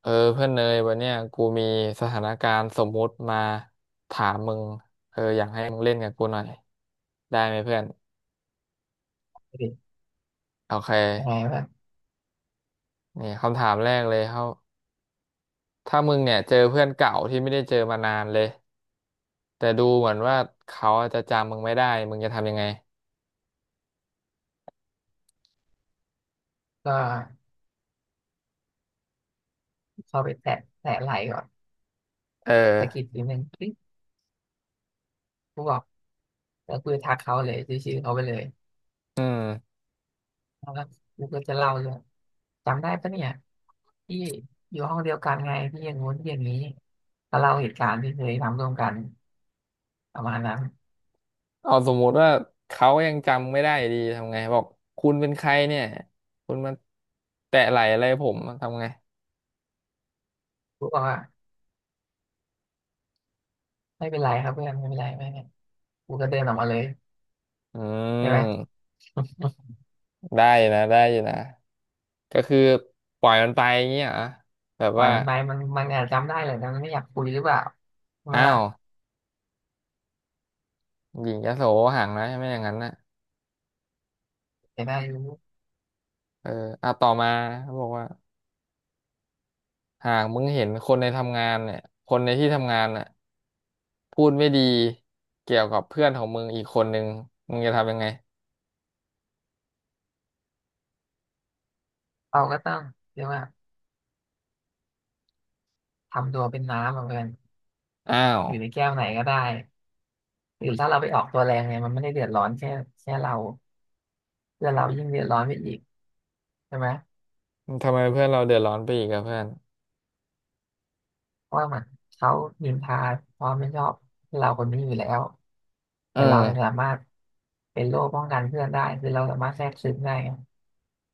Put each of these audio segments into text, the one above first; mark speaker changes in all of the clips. Speaker 1: เออเพื่อนเนยวันเนี้ยกูมีสถานการณ์สมมุติมาถามมึงเอออยากให้มึงเล่นกับกูหน่อยได้ไหมเพื่อน
Speaker 2: ดิ
Speaker 1: โอเค
Speaker 2: ยังไงวะ
Speaker 1: นี่คำถามแรกเลยเขาถ้ามึงเนี่ยเจอเพื่อนเก่าที่ไม่ได้เจอมานานเลยแต่ดูเหมือนว่าเขาอาจจะจำมึงไม่ได้มึงจะทำยังไง
Speaker 2: ก็เข้าไปแตะไหล่ก่อน
Speaker 1: เออ
Speaker 2: สะกิดทีหนึ่งคลิกกูบอกแล้วกูจะทักเขาเลยชื่อเขาไปเลย
Speaker 1: อืม
Speaker 2: แล้วก็กูก็จะเล่าเรื่องจำได้ปะเนี่ยที่อยู่ห้องเดียวกันไงที่อย่างงู้นที่อย่างนี้ก็เล่าเหตุการณ์ที่เคยทำร่วมกันประมาณนั้น
Speaker 1: เอาสมมุติว่าเขายังจำไม่ได้ดีทำไงบอกคุณเป็นใครเนี่ยคุณมาแตะไหล่อะไรผมทำไง
Speaker 2: กูบอกว่าไม่เป็นไรครับเพื่อนไม่เป็นไรไม่เป็นไรกูก็เดินออกมาเลย
Speaker 1: อื
Speaker 2: ใช่ไหม
Speaker 1: ม ได้อยู่นะได้อยู่นะก็คือปล่อยมันไปอย่างเงี้ยเหรอแบบ
Speaker 2: ปล่อย
Speaker 1: ว่า
Speaker 2: มันไปมันอาจจำได้เลยแต่มันไม่อยากคุยหรือเปล่าใช่ไหม
Speaker 1: อ้า
Speaker 2: ล่ะ
Speaker 1: วหญิงยโสห่างนะใช่ไหมอย่างนั้นนะ
Speaker 2: แต่ได้รู้
Speaker 1: เอออ่ะต่อมาเขาบอกว่าหากมึงเห็นคนในทำงานเนี่ยคนในที่ทำงานน่ะพูดไม่ดีเกี่ยวกับเพื่อนของมึงอีกคนนึงมึงจะทำยังไง
Speaker 2: เราก็ต้องเรียกว่าทำตัวเป็นน้ำอะเพื่อน
Speaker 1: อ้าว
Speaker 2: อยู่ในแก้วไหนก็ได้หรือถ้าเราไปออกตัวแรงเนี่ยมันไม่ได้เดือดร้อนแค่เราเพื่อนเรายิ่งเดือดร้อนไปอีกใช่ไหม
Speaker 1: ทำไมเพื่อนเราเดือดร้อนไปอีกอะเพื่อน
Speaker 2: เพราะว่ามันเขานินทาความไม่ชอบเราคนนี้อยู่แล้ว
Speaker 1: เอ
Speaker 2: แต่
Speaker 1: อ
Speaker 2: เราเนี่ยสามารถเป็นโล่ป้องกันเพื่อนได้คือเราสามารถแทรกซึมได้ไง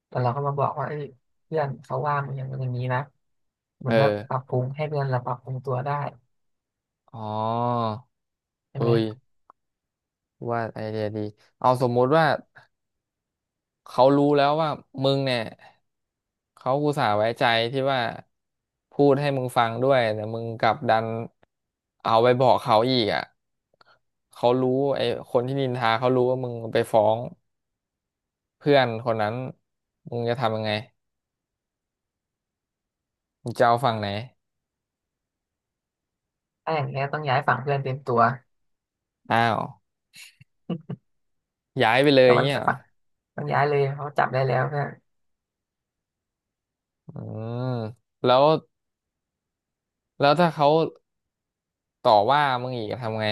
Speaker 2: แต่เราก็มาบอกว่าเอ้ยเพื่อนเขาว่ามึงอย่างนั้นอย่างนี้นะมั
Speaker 1: เอ
Speaker 2: นก็
Speaker 1: อ
Speaker 2: ปรับปรุงให้เพื่อนเราปรับปรุงตัวได้
Speaker 1: อ๋อ
Speaker 2: ใช่
Speaker 1: เอ้
Speaker 2: ไหม
Speaker 1: ยว่าไอเดียดีเอาสมมุติว่า เขารู้แล้วว่ามึงเนี่ยเขาอุตส่าห์ไว้ใจที่ว่าพูดให้มึงฟังด้วยแต่มึงกลับดันเอาไปบอกเขาอีกอ่ะเขารู้ไอ้คนที่นินทาเขารู้ว่ามึงไปฟ้องเพื่อนคนนั้นมึงจะทำยังไงมึงจะเอาฝั่งไหน
Speaker 2: ถ้าอย่างเงี้ยต้องย้ายฝั่งเพื่อนเต็มตัว
Speaker 1: อ้าวย้ายไปเลย
Speaker 2: ก็
Speaker 1: อย่าง
Speaker 2: มัน
Speaker 1: เงี้ย
Speaker 2: สะ
Speaker 1: เหรอ
Speaker 2: ต้องย้ายเลยเขาจับได้แล้วเพื่อน
Speaker 1: อืมแล้วแล้วถ้าเขาต่อว่ามึงอีกทำไง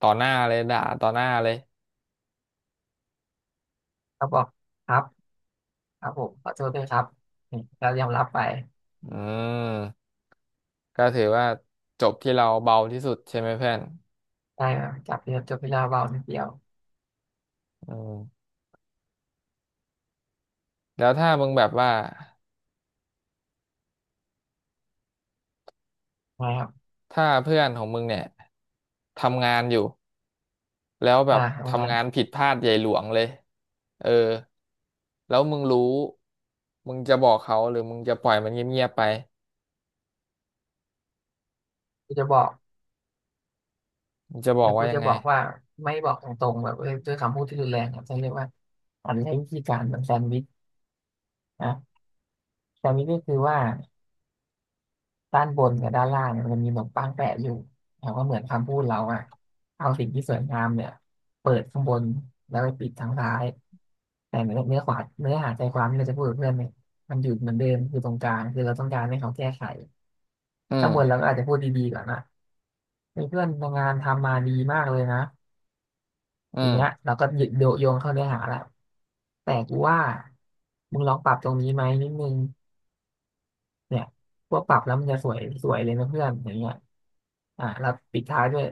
Speaker 1: ต่อหน้าเลยด่าต่อหน้าเลย
Speaker 2: เขาบอกครับ ครับผมขอโทษด้วยครับนี่เรายอมรับไป
Speaker 1: อืม ก็ถือว่าจบที่เราเบาที่สุดใช่ไหมเพื่อน
Speaker 2: ได้ครับจับเรียจบเวลาเบานิดเดียว
Speaker 1: อืมแล้วถ้ามึงแบบว่า
Speaker 2: นะครับ
Speaker 1: ถ้าเพื่อนของมึงเนี่ยทำงานอยู่แล้วแบ
Speaker 2: อ่า
Speaker 1: บ
Speaker 2: ทำงา
Speaker 1: ทำ
Speaker 2: น
Speaker 1: งานผิดพลาดใหญ่หลวงเลย เออ แล้วมึงรู้มึงจะบอกเขาหรือมึงจะปล่อยมันเงียบๆไป
Speaker 2: กูจะบอก
Speaker 1: มึงจะบอ
Speaker 2: เดี๋
Speaker 1: ก
Speaker 2: ยว
Speaker 1: ว่า
Speaker 2: กู
Speaker 1: ยั
Speaker 2: จะ
Speaker 1: งไง
Speaker 2: บอกว่าไม่บอกตรงๆแบบเอ้ยด้วยคำพูดที่รุนแรงครับจะเรียกว่าอานใช้วิธีการแบบแซนด์วิชนะแซนด์วิชก็คือว่าด้านบนกับด้านล่างเนี่ยมันจะมีขนมปังแปะอยู่แต่ว่าเหมือนคำพูดเราอะเอาสิ่งที่สวยงามเนี่ยเปิดข้างบนแล้วไปปิดทางซ้ายแต่เนื้อขวาเนื้อหาใจความที่เราจะพูดกับเพื่อนเนี่ยมันอยู่เหมือนเดิมคือตรงกลางคือเราต้องการให้เขาแก้ไข
Speaker 1: อื
Speaker 2: ถ้าบ่น
Speaker 1: ม
Speaker 2: เราก็อาจจะพูดดีๆก่อนนะมีเพื่อนทำงานทำมาดีมากเลยนะ
Speaker 1: อื
Speaker 2: ทีเนี้ย
Speaker 1: ม
Speaker 2: เราก็หยึดโยโยงเข้าเนื้อหาแล้วแต่กูว่ามึงลองปรับตรงนี้ไหมนิดนึงเนี่ยพวกปรับแล้วมันจะสวยสวยเลยนะเพื่อนอย่างเงี้ยอ่ะเราปิดท้ายด้วย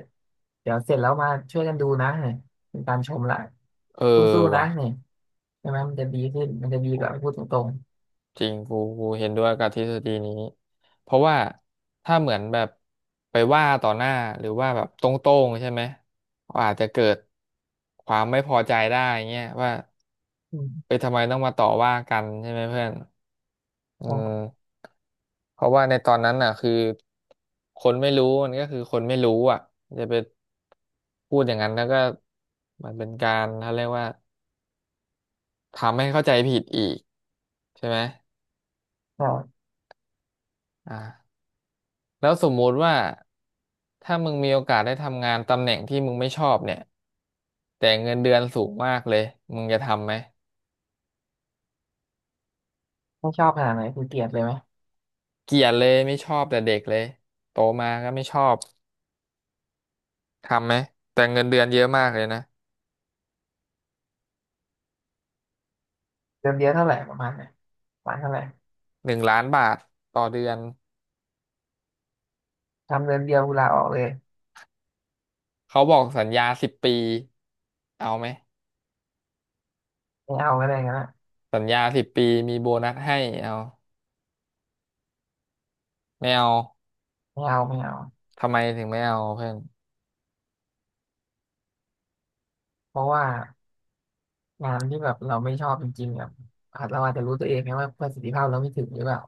Speaker 2: เดี๋ยวเสร็จแล้วมาช่วยกันดูนะเนี่ยเป็นการชมละ
Speaker 1: เออ
Speaker 2: สู้ๆนะ
Speaker 1: ว่ะ
Speaker 2: เนี่ยใช่ไหมมันจะดีขึ้นมันจะดีกว่าพูดตรง
Speaker 1: จริงกูเห็นด้วยกับทฤษฎีนี้เพราะว่าถ้าเหมือนแบบไปว่าต่อหน้าหรือว่าแบบตรงๆใช่ไหมก็อาจจะเกิดความไม่พอใจได้เงี้ยว่า
Speaker 2: ๆอืม
Speaker 1: ไปทำไมต้องมาต่อว่ากันใช่ไหมเพื่อนเออ
Speaker 2: ก็
Speaker 1: เพราะว่าในตอนนั้นน่ะคือคนไม่รู้มันก็คือคนไม่รู้อ่ะจะไปพูดอย่างนั้นแล้วก็มันเป็นการเขาเรียกว่าทำให้เข้าใจผิดอีกใช่ไหม
Speaker 2: ก็
Speaker 1: อ่า แล้วสมมุติว่าถ้ามึงมีโอกาสได้ทำงานตำแหน่งที่มึงไม่ชอบเนี่ยแต่เงินเดือนสูงมากเลยมึงจะทำไหม
Speaker 2: ไม่ชอบขนาดไหนคุณเกลียดเลยไหม
Speaker 1: เกลียดเลยไม่ชอบแต่เด็กเลยโตมาก็ไม่ชอบทำไหมแต่เงินเดือนเยอะมากเลยนะ
Speaker 2: เติมเดียวเท่าไหร่ประมาณไหนประมาณเท่าไหร่
Speaker 1: 1,000,000 บาทต่อเดือน
Speaker 2: ทำเดือนเดียวกูลาออกเลย
Speaker 1: เขาบอกสัญญาสิบปีเอาไหม
Speaker 2: ไม่เอาก็ได้กันนะ
Speaker 1: สัญญาสิบปีมีโบนัสให้เอาไม่เอา
Speaker 2: ไม่เอาไม่เอา
Speaker 1: ทำไมถึงไม่เอาเพื่อน
Speaker 2: เพราะว่างานที่แบบเราไม่ชอบจริงๆแบบอาจเราอาจจะรู้ตัวเองไงว่าประสิทธิภาพเราไม่ถึงหรือเปล่า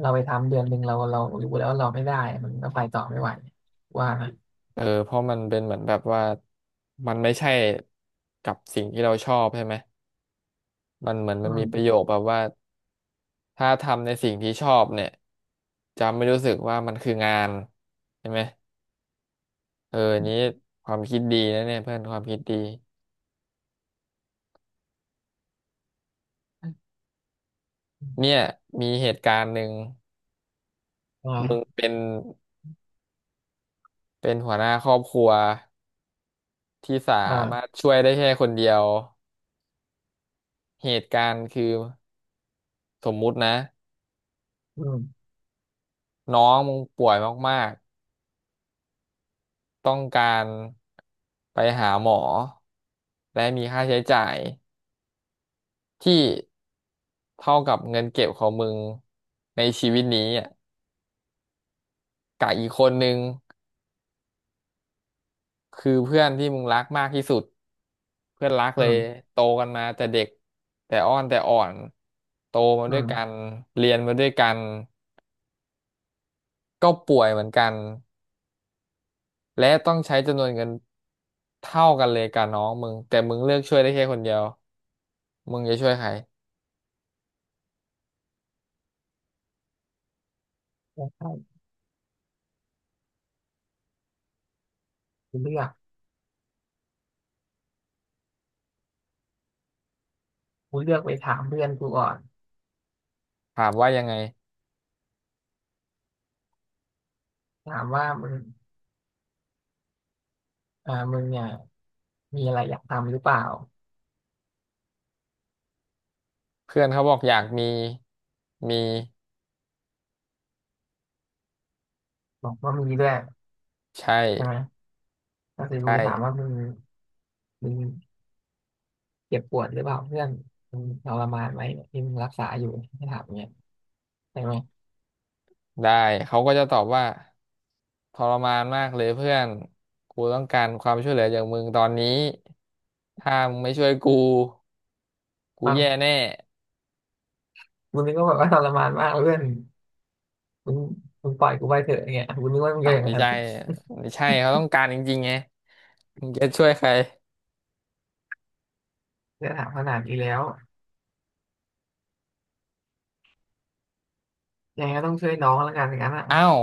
Speaker 2: เราไปทำเดือนหนึ่งเรารู้แล้วว่าเราไม่ได้มันก็ไปต่อไม่ไหวว่านะ
Speaker 1: เออเพราะมันเป็นเหมือนแบบว่ามันไม่ใช่กับสิ่งที่เราชอบใช่ไหม มันเหมือน
Speaker 2: อื
Speaker 1: มันมีประโย
Speaker 2: ม
Speaker 1: คแบบว่าถ้าทำในสิ่งที่ชอบเนี่ยจะไม่รู้สึกว่ามันคืองานใช่ไหมเอออันนี้ความคิดดีนะเนี่ยเพื่อนความคิดดีเนี่ยมีเหตุการณ์หนึ่ง
Speaker 2: อ่
Speaker 1: มึง
Speaker 2: า
Speaker 1: เป็นหัวหน้าครอบครัวที่สามารถ
Speaker 2: อ่า
Speaker 1: ช่วยได้แค่คนเดียวเหตุการณ์คือสมมุตินะ
Speaker 2: อืม
Speaker 1: น้องมึงป่วยมากๆต้องการไปหาหมอและมีค่าใช้จ่าย ที่เท่ากับเงินเก็บของมึงในชีวิตนี้อ่ะกับอีกคนนึงคือเพื่อนที่มึงรักมากที่สุดเพื่อนรัก
Speaker 2: อื
Speaker 1: เลย
Speaker 2: ม
Speaker 1: โตกันมาแต่เด็กแต่อ้อนแต่อ่อนโตมา
Speaker 2: อื
Speaker 1: ด้วยกัน
Speaker 2: ม
Speaker 1: เรียนมาด้วยกันก็ป่วยเหมือนกันและต้องใช้จำนวนเงินเท่ากันเลยกับน้องมึงแต่มึงเลือกช่วยได้แค่คนเดียวมึงจะช่วยใคร
Speaker 2: ใช่กูเลือกกูเลือกไปถามเพื่อนกูก่อน
Speaker 1: ถามว่ายังไง
Speaker 2: ถามว่ามึงมึงเนี่ยมีอะไรอยากทำหรือเปล่า
Speaker 1: เพื่อนเขาบอกอยากมีมี
Speaker 2: บอกว่ามีด้วย
Speaker 1: ใช่
Speaker 2: ใช่ไหมก็คือกู
Speaker 1: ใช่
Speaker 2: ไปถามว่ามึง เจ็บปวดหรือเปล่าเพื่อนมันทรมานไหมเนี่ยที่มึงรักษาอยู่ให้ถามเนี่ยใช่ไหม
Speaker 1: ได้เขาก็จะตอบว่าทรมานมากเลยเพื่อนกูต้องการความช่วยเหลือจากมึงตอนนี้ถ้ามึงไม่ช่วยกูกู
Speaker 2: บาง
Speaker 1: แย่แน่
Speaker 2: มึงนึกว่าแบบว่าทรมานมากเพื่อนมึงมึงปล่อยกูไปเถอะอย่างเงี้ยมุงนึกว่ามึง
Speaker 1: อ้า
Speaker 2: จะ
Speaker 1: ว
Speaker 2: อย่าง
Speaker 1: ไม่
Speaker 2: นั้น
Speaker 1: ใช่ไม่ใช่เขาต้องการจริงๆไงมึงจะช่วยใคร
Speaker 2: เพื่อนถามขนาดนี้แล้วยังไงก็ต้องช่วยน้องแล้วกันอย่างนั้นอ่ะ
Speaker 1: อ้าว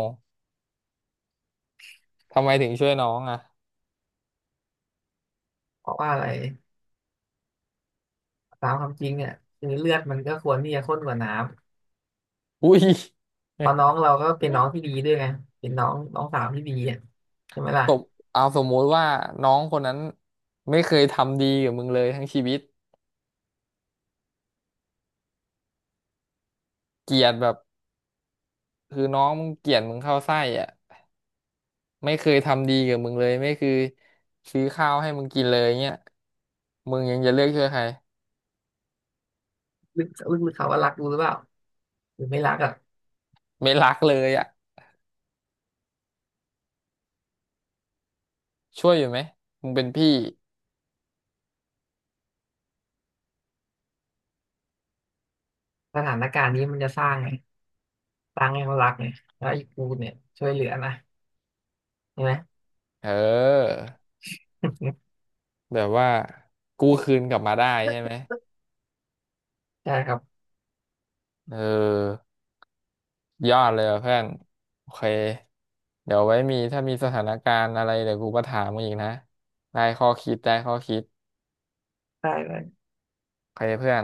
Speaker 1: ทำไมถึงช่วยน้องอ่ะ
Speaker 2: เพราะว่าอะไรตามความจริงเนี่ยคือเลือดมันก็ควรที่จะข้นกว่าน้
Speaker 1: อุ้ย
Speaker 2: ำเพราะน้อ งเราก็เป็นน้องที่ดีด้วยไงเป็นน้องน้องสาวที่ดีอ่ะใช่ไหมล่ะ
Speaker 1: ตบเอาสมมุติว่าน้องคนนั้นไม่เคยทำดีกับมึงเลยทั้งชีวิตเกลียดแบบคือน้องมึงเกลียดมึงเข้าไส้อ่ะ ไม่เคยทำดีกับมึงเลยไม่เคือซื้อข้าวให้มึงกินเลยเงี้ยมึงยังจะเลือกช่วยใคร
Speaker 2: ลึกลึกๆเขาว่ารักกูหรือเปล่าหรือไม่รักอ่ะ
Speaker 1: ไม่รักเลยอ่ะช่วยอยู่ไหมมึงเป็นพี่
Speaker 2: สถานการณ์นี้มันจะสร้างไงสร้างให้เขารักไงแล้วไอ้กูเนี่ยช่วยเหลือนะ ใช่ไหม
Speaker 1: เออ แบบว่ากู้คืนกลับมาได้ใช่ไหม
Speaker 2: ใช่ครับ
Speaker 1: เออยอดเลยว่ะเพื่อนโอเคเดี๋ยวไว้มีถ้ามีสถานการณ์อะไรเดี๋ยวกูก็ถามมึงอีกนะได้ข้อคิดได้ข้อคิด
Speaker 2: ได้เลย
Speaker 1: โอเคเพื่อน